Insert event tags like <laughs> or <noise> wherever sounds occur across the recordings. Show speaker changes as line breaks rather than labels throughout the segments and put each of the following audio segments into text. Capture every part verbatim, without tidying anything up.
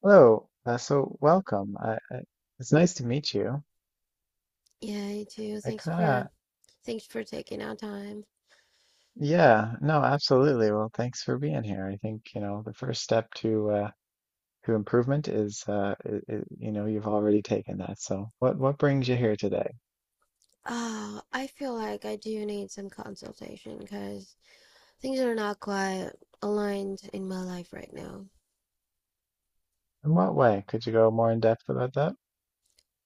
Hello. Uh, so welcome. I, I, it's nice to meet you.
Yeah, you too.
I
Thanks
kind
for
of,
thanks for taking our time.
yeah, no, absolutely. Well, thanks for being here. I think, you know, the first step to uh, to improvement is, uh, I I you know, you've already taken that. So what what brings you here today?
Uh, I feel like I do need some consultation because things are not quite aligned in my life right now.
In what way? Could you go more in depth about that?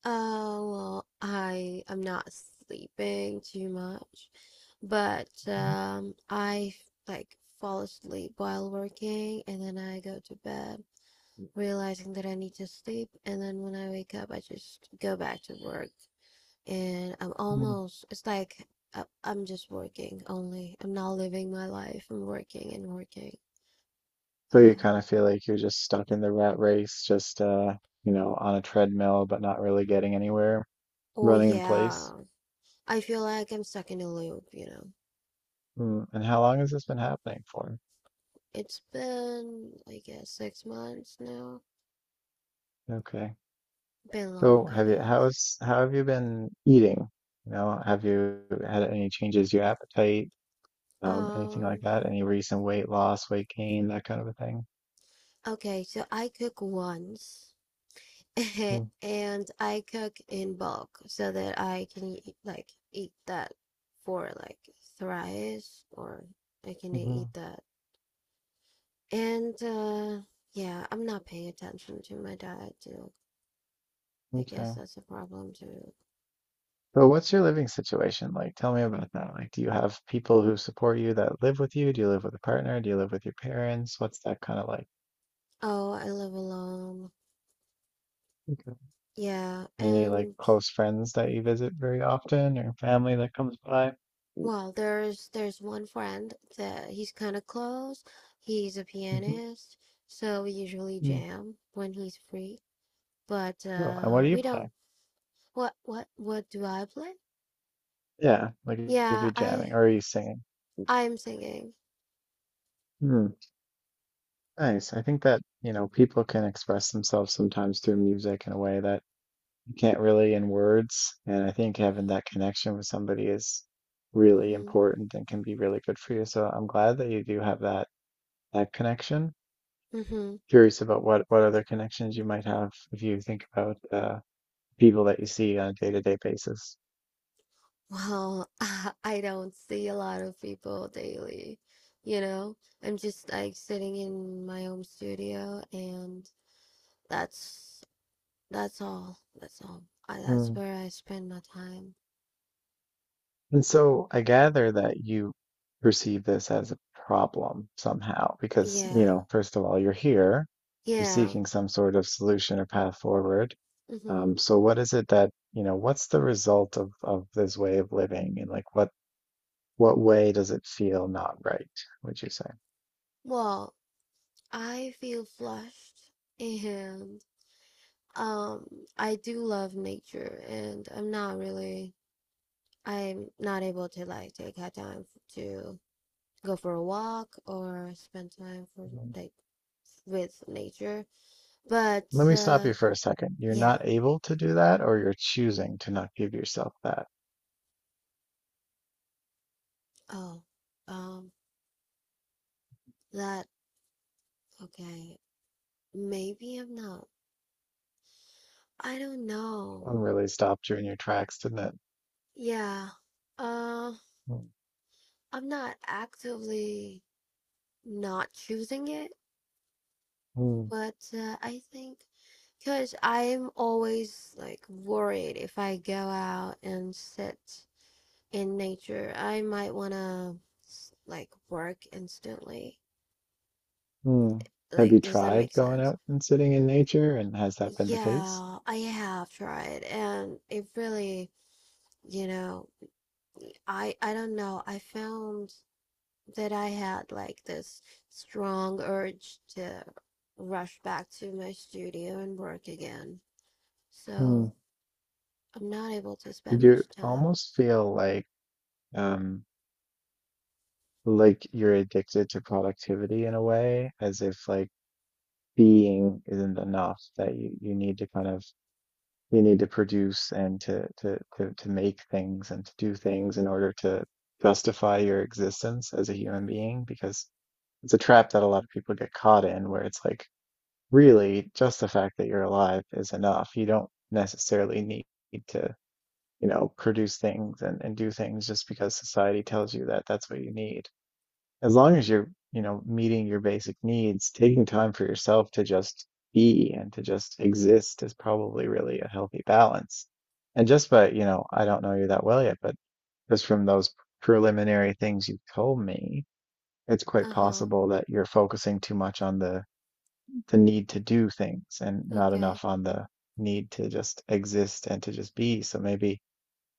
Uh, well, I am not sleeping too much, but
Mhm.
um, I like fall asleep while working, and then I go to bed, realizing that I need to sleep, and then when I wake up, I just go back to work. And I'm
Mm.
almost, it's like I, I'm just working only. I'm not living my life. I'm working and working.
So you
Yeah.
kind of feel like you're just stuck in the rat race, just uh, you know, on a treadmill, but not really getting anywhere,
Oh,
running in place.
yeah. I feel like I'm stuck in a loop, you know.
Mm. And how long has this been happening for?
It's been, I guess, six months now.
Okay.
Been long,
So
I
have you,
guess.
how's, how have you been eating? You know, have you had any changes to your appetite, um, anything like
Um,
that? Any recent weight loss, weight gain, that kind of a thing?
okay, so I cook once <laughs> and I cook in bulk so that I can eat, like eat that for like thrice, or I can
Mm-hmm.
eat that. And uh yeah, I'm not paying attention to my diet too. I guess
Okay.
that's a problem too.
So what's your living situation like? Tell me about that. Like, do you have people who support you that live with you? Do you live with a partner? Do you live with your parents? What's that kind of like?
Oh, I live alone.
Okay.
Yeah.
Any like
And
close friends that you visit very often or family that comes by?
well, there's there's one friend that he's kind of close. He's a
Mm-hmm.
pianist, so we usually jam when he's free. But
Cool. And what
uh
do you
we
play?
don't. What what what do I play?
Yeah, like if
Yeah,
you're
I
jamming or are you singing?
I'm singing.
Nice. I think that, you know, people can express themselves sometimes through music in a way that you can't really in words. And I think having that connection with somebody is really
Mm-hmm.
important and can be really good for you. So I'm glad that you do have that that connection.
Mm-hmm.
Curious about what what other connections you might have if you think about uh, people that you see on a day-to-day basis.
Well, <laughs> I don't see a lot of people daily. You know, I'm just like sitting in my home studio, and that's that's all. That's all. I, that's
Hmm.
where I spend my time.
And so I gather that you perceive this as a problem somehow, because, you
Yeah.
know, first of all, you're here, you're
Yeah.
seeking some sort of solution or path forward.
Hmm.
Um, so what is it that, you know, what's the result of of this way of living and like what what way does it feel not right, would you say?
Well, I feel flushed, and um I do love nature, and I'm not really, I'm not able to like take out time to go for a walk or spend time for
Mm.
like with nature. But
Let me stop
uh,
you for a second. You're
yeah,
not able to do that, or you're choosing to not give yourself that.
oh, um, that okay. Maybe I'm not. I don't know.
One really stopped you in your tracks, didn't it?
Yeah, uh,
Mm.
I'm not actively not choosing it,
Mm.
but uh, I think because I'm always like worried if I go out and sit in nature, I might want to like work instantly.
Hmm. Have
Like,
you
does that make
tried going
sense?
out and sitting in nature, and has that been the case?
Yeah, I have tried, and it really, you know, I I don't know. I found that I had like this strong urge to rush back to my studio and work again. So
Hmm.
I'm not able to
Did
spend
you
much time.
almost feel like um like you're addicted to productivity in a way, as if like being isn't enough, that you, you need to kind of you need to produce and to, to to to make things and to do things in order to justify your existence as a human being, because it's a trap that a lot of people get caught in where it's like really just the fact that you're alive is enough. You don't necessarily need to, you know, produce things and, and do things just because society tells you that that's what you need. As long as you're, you know, meeting your basic needs, taking time for yourself to just be and to just exist is probably really a healthy balance. And just by, you know, I don't know you that well yet, but just from those preliminary things you've told me, it's quite
Uh-huh.
possible that you're focusing too much on the the need to do things and not
Okay.
enough on the need to just exist and to just be. So maybe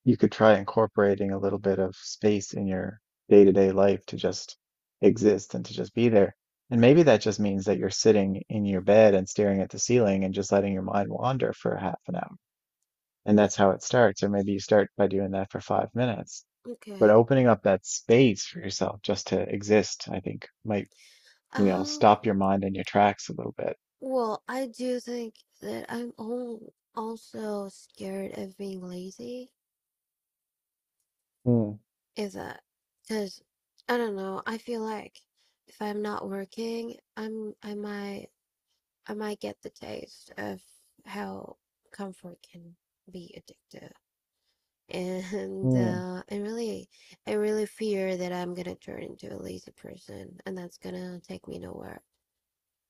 you could try incorporating a little bit of space in your day-to-day life to just exist and to just be there. And maybe that just means that you're sitting in your bed and staring at the ceiling and just letting your mind wander for half an hour. And that's how it starts. Or maybe you start by doing that for five minutes. But
Okay.
opening up that space for yourself just to exist, I think might, you know,
Um,
stop your mind in your tracks a little bit.
Well, I do think that I'm al- also scared of being lazy.
Mm,
Is that because I don't know, I feel like if I'm not working, I'm I might I might get the taste of how comfort can be addictive. <laughs> And
mm.
uh, I really I really fear that I'm gonna turn into a lazy person, and that's gonna take me nowhere.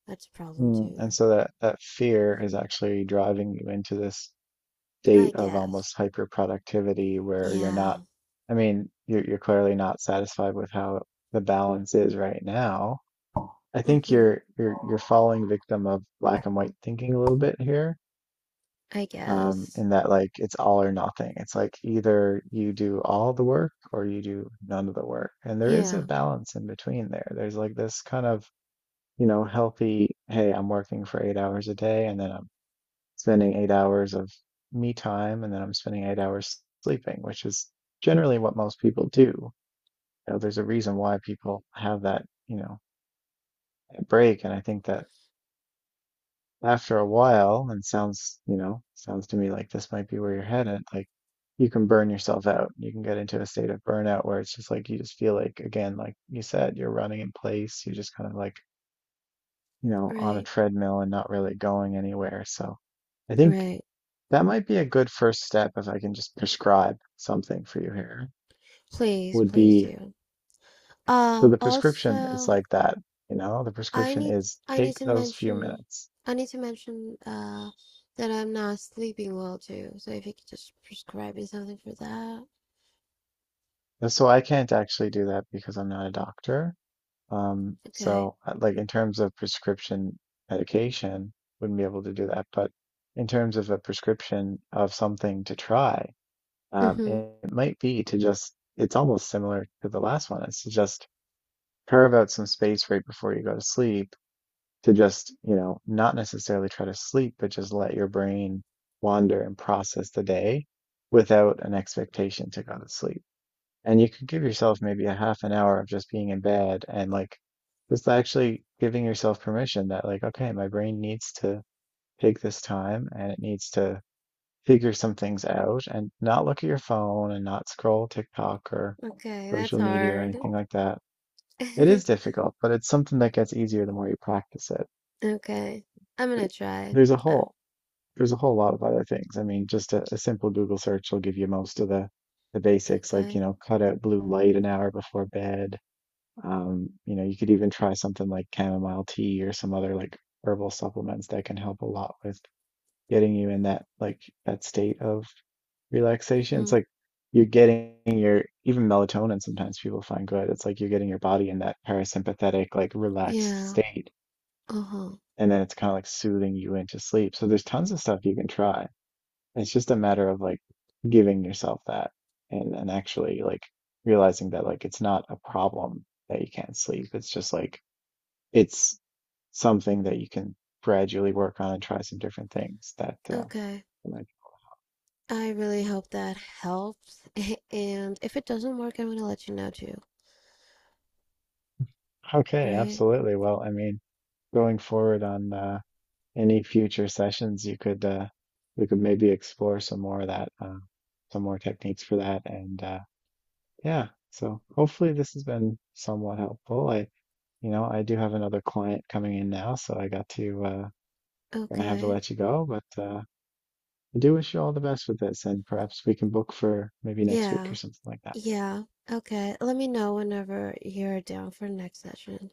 That's a problem
Mm, and
too.
so that that fear is actually driving you into this
I
state of
guess.
almost hyper productivity where you're not,
Yeah.
I mean, you're you're clearly not satisfied with how the balance is right now. I think
Mm-hmm.
you're you're you're falling victim of black and white thinking a little bit here,
I
um,
guess.
in that like it's all or nothing. It's like either you do all the work or you do none of the work. And there is a
Yeah,
balance in between there. There's like this kind of you know, healthy, hey, I'm working for eight hours a day and then I'm spending eight hours of me time and then I'm spending eight hours sleeping, which is generally what most people do. You know, there's a reason why people have that, you know, that break. And I think that after a while, and sounds, you know, sounds to me like this might be where you're headed, like you can burn yourself out. You can get into a state of burnout where it's just like you just feel like, again, like you said, you're running in place. You're just kind of like, you know, on a
right,
treadmill and not really going anywhere. So I think
right.
that might be a good first step if I can just prescribe something for you here.
Please,
Would
please
be
do.
so
Uh,
the prescription is
also,
like that, you know? The
I
prescription
need
is
I need
take
to
those few
mention
minutes.
I need to mention uh that I'm not sleeping well too. So if you could just prescribe me something for that.
And so I can't actually do that because I'm not a doctor. Um,
Okay.
so uh, like in terms of prescription medication, wouldn't be able to do that. But in terms of a prescription of something to try, um,
Mm-hmm.
it, it might be to just, it's almost similar to the last one. It's to just carve out some space right before you go to sleep to just, you know, not necessarily try to sleep, but just let your brain wander and process the day without an expectation to go to sleep. And you could give yourself maybe a half an hour of just being in bed and like just actually giving yourself permission that, like, okay, my brain needs to take this time and it needs to figure some things out and not look at your phone and not scroll TikTok or
Okay, that's
social media or
hard.
anything like that. It is
<laughs>
difficult, but it's something that gets easier the more you practice it.
Okay. I'm gonna try.
There's a
Uh,
whole there's a whole lot of other things. I mean, just a, a simple Google search will give you most of the the basics, like, you know,
okay.
cut out blue light an hour before bed. Um, you know, you could even try something like chamomile tea or some other like herbal supplements that can help a lot with getting you in that like that state of relaxation. It's
Mm-hmm.
like you're getting your even melatonin sometimes people find good. It's like you're getting your body in that parasympathetic, like relaxed
Yeah.
state
Uh-huh.
and then it's kind of like soothing you into sleep. So there's tons of stuff you can try. It's just a matter of like giving yourself that and and actually like realizing that like it's not a problem that you can't sleep. It's just like it's something that you can gradually work on and try some different things that uh
Okay.
might-
I really hope that helps. <laughs> And if it doesn't work, I'm gonna let you know too,
Okay,
right?
absolutely. Well, I mean, going forward on uh any future sessions, you could uh we could maybe explore some more of that uh some more techniques for that and uh yeah. So hopefully this has been somewhat helpful. I, you know, I do have another client coming in now, so I got to uh gonna have to
Okay.
let you go, but uh I do wish you all the best with this and perhaps we can book for maybe next week or
Yeah.
something like that.
Yeah. Okay. Let me know whenever you're down for next session.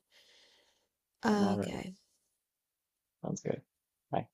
All right.
Okay.
Sounds good. Bye.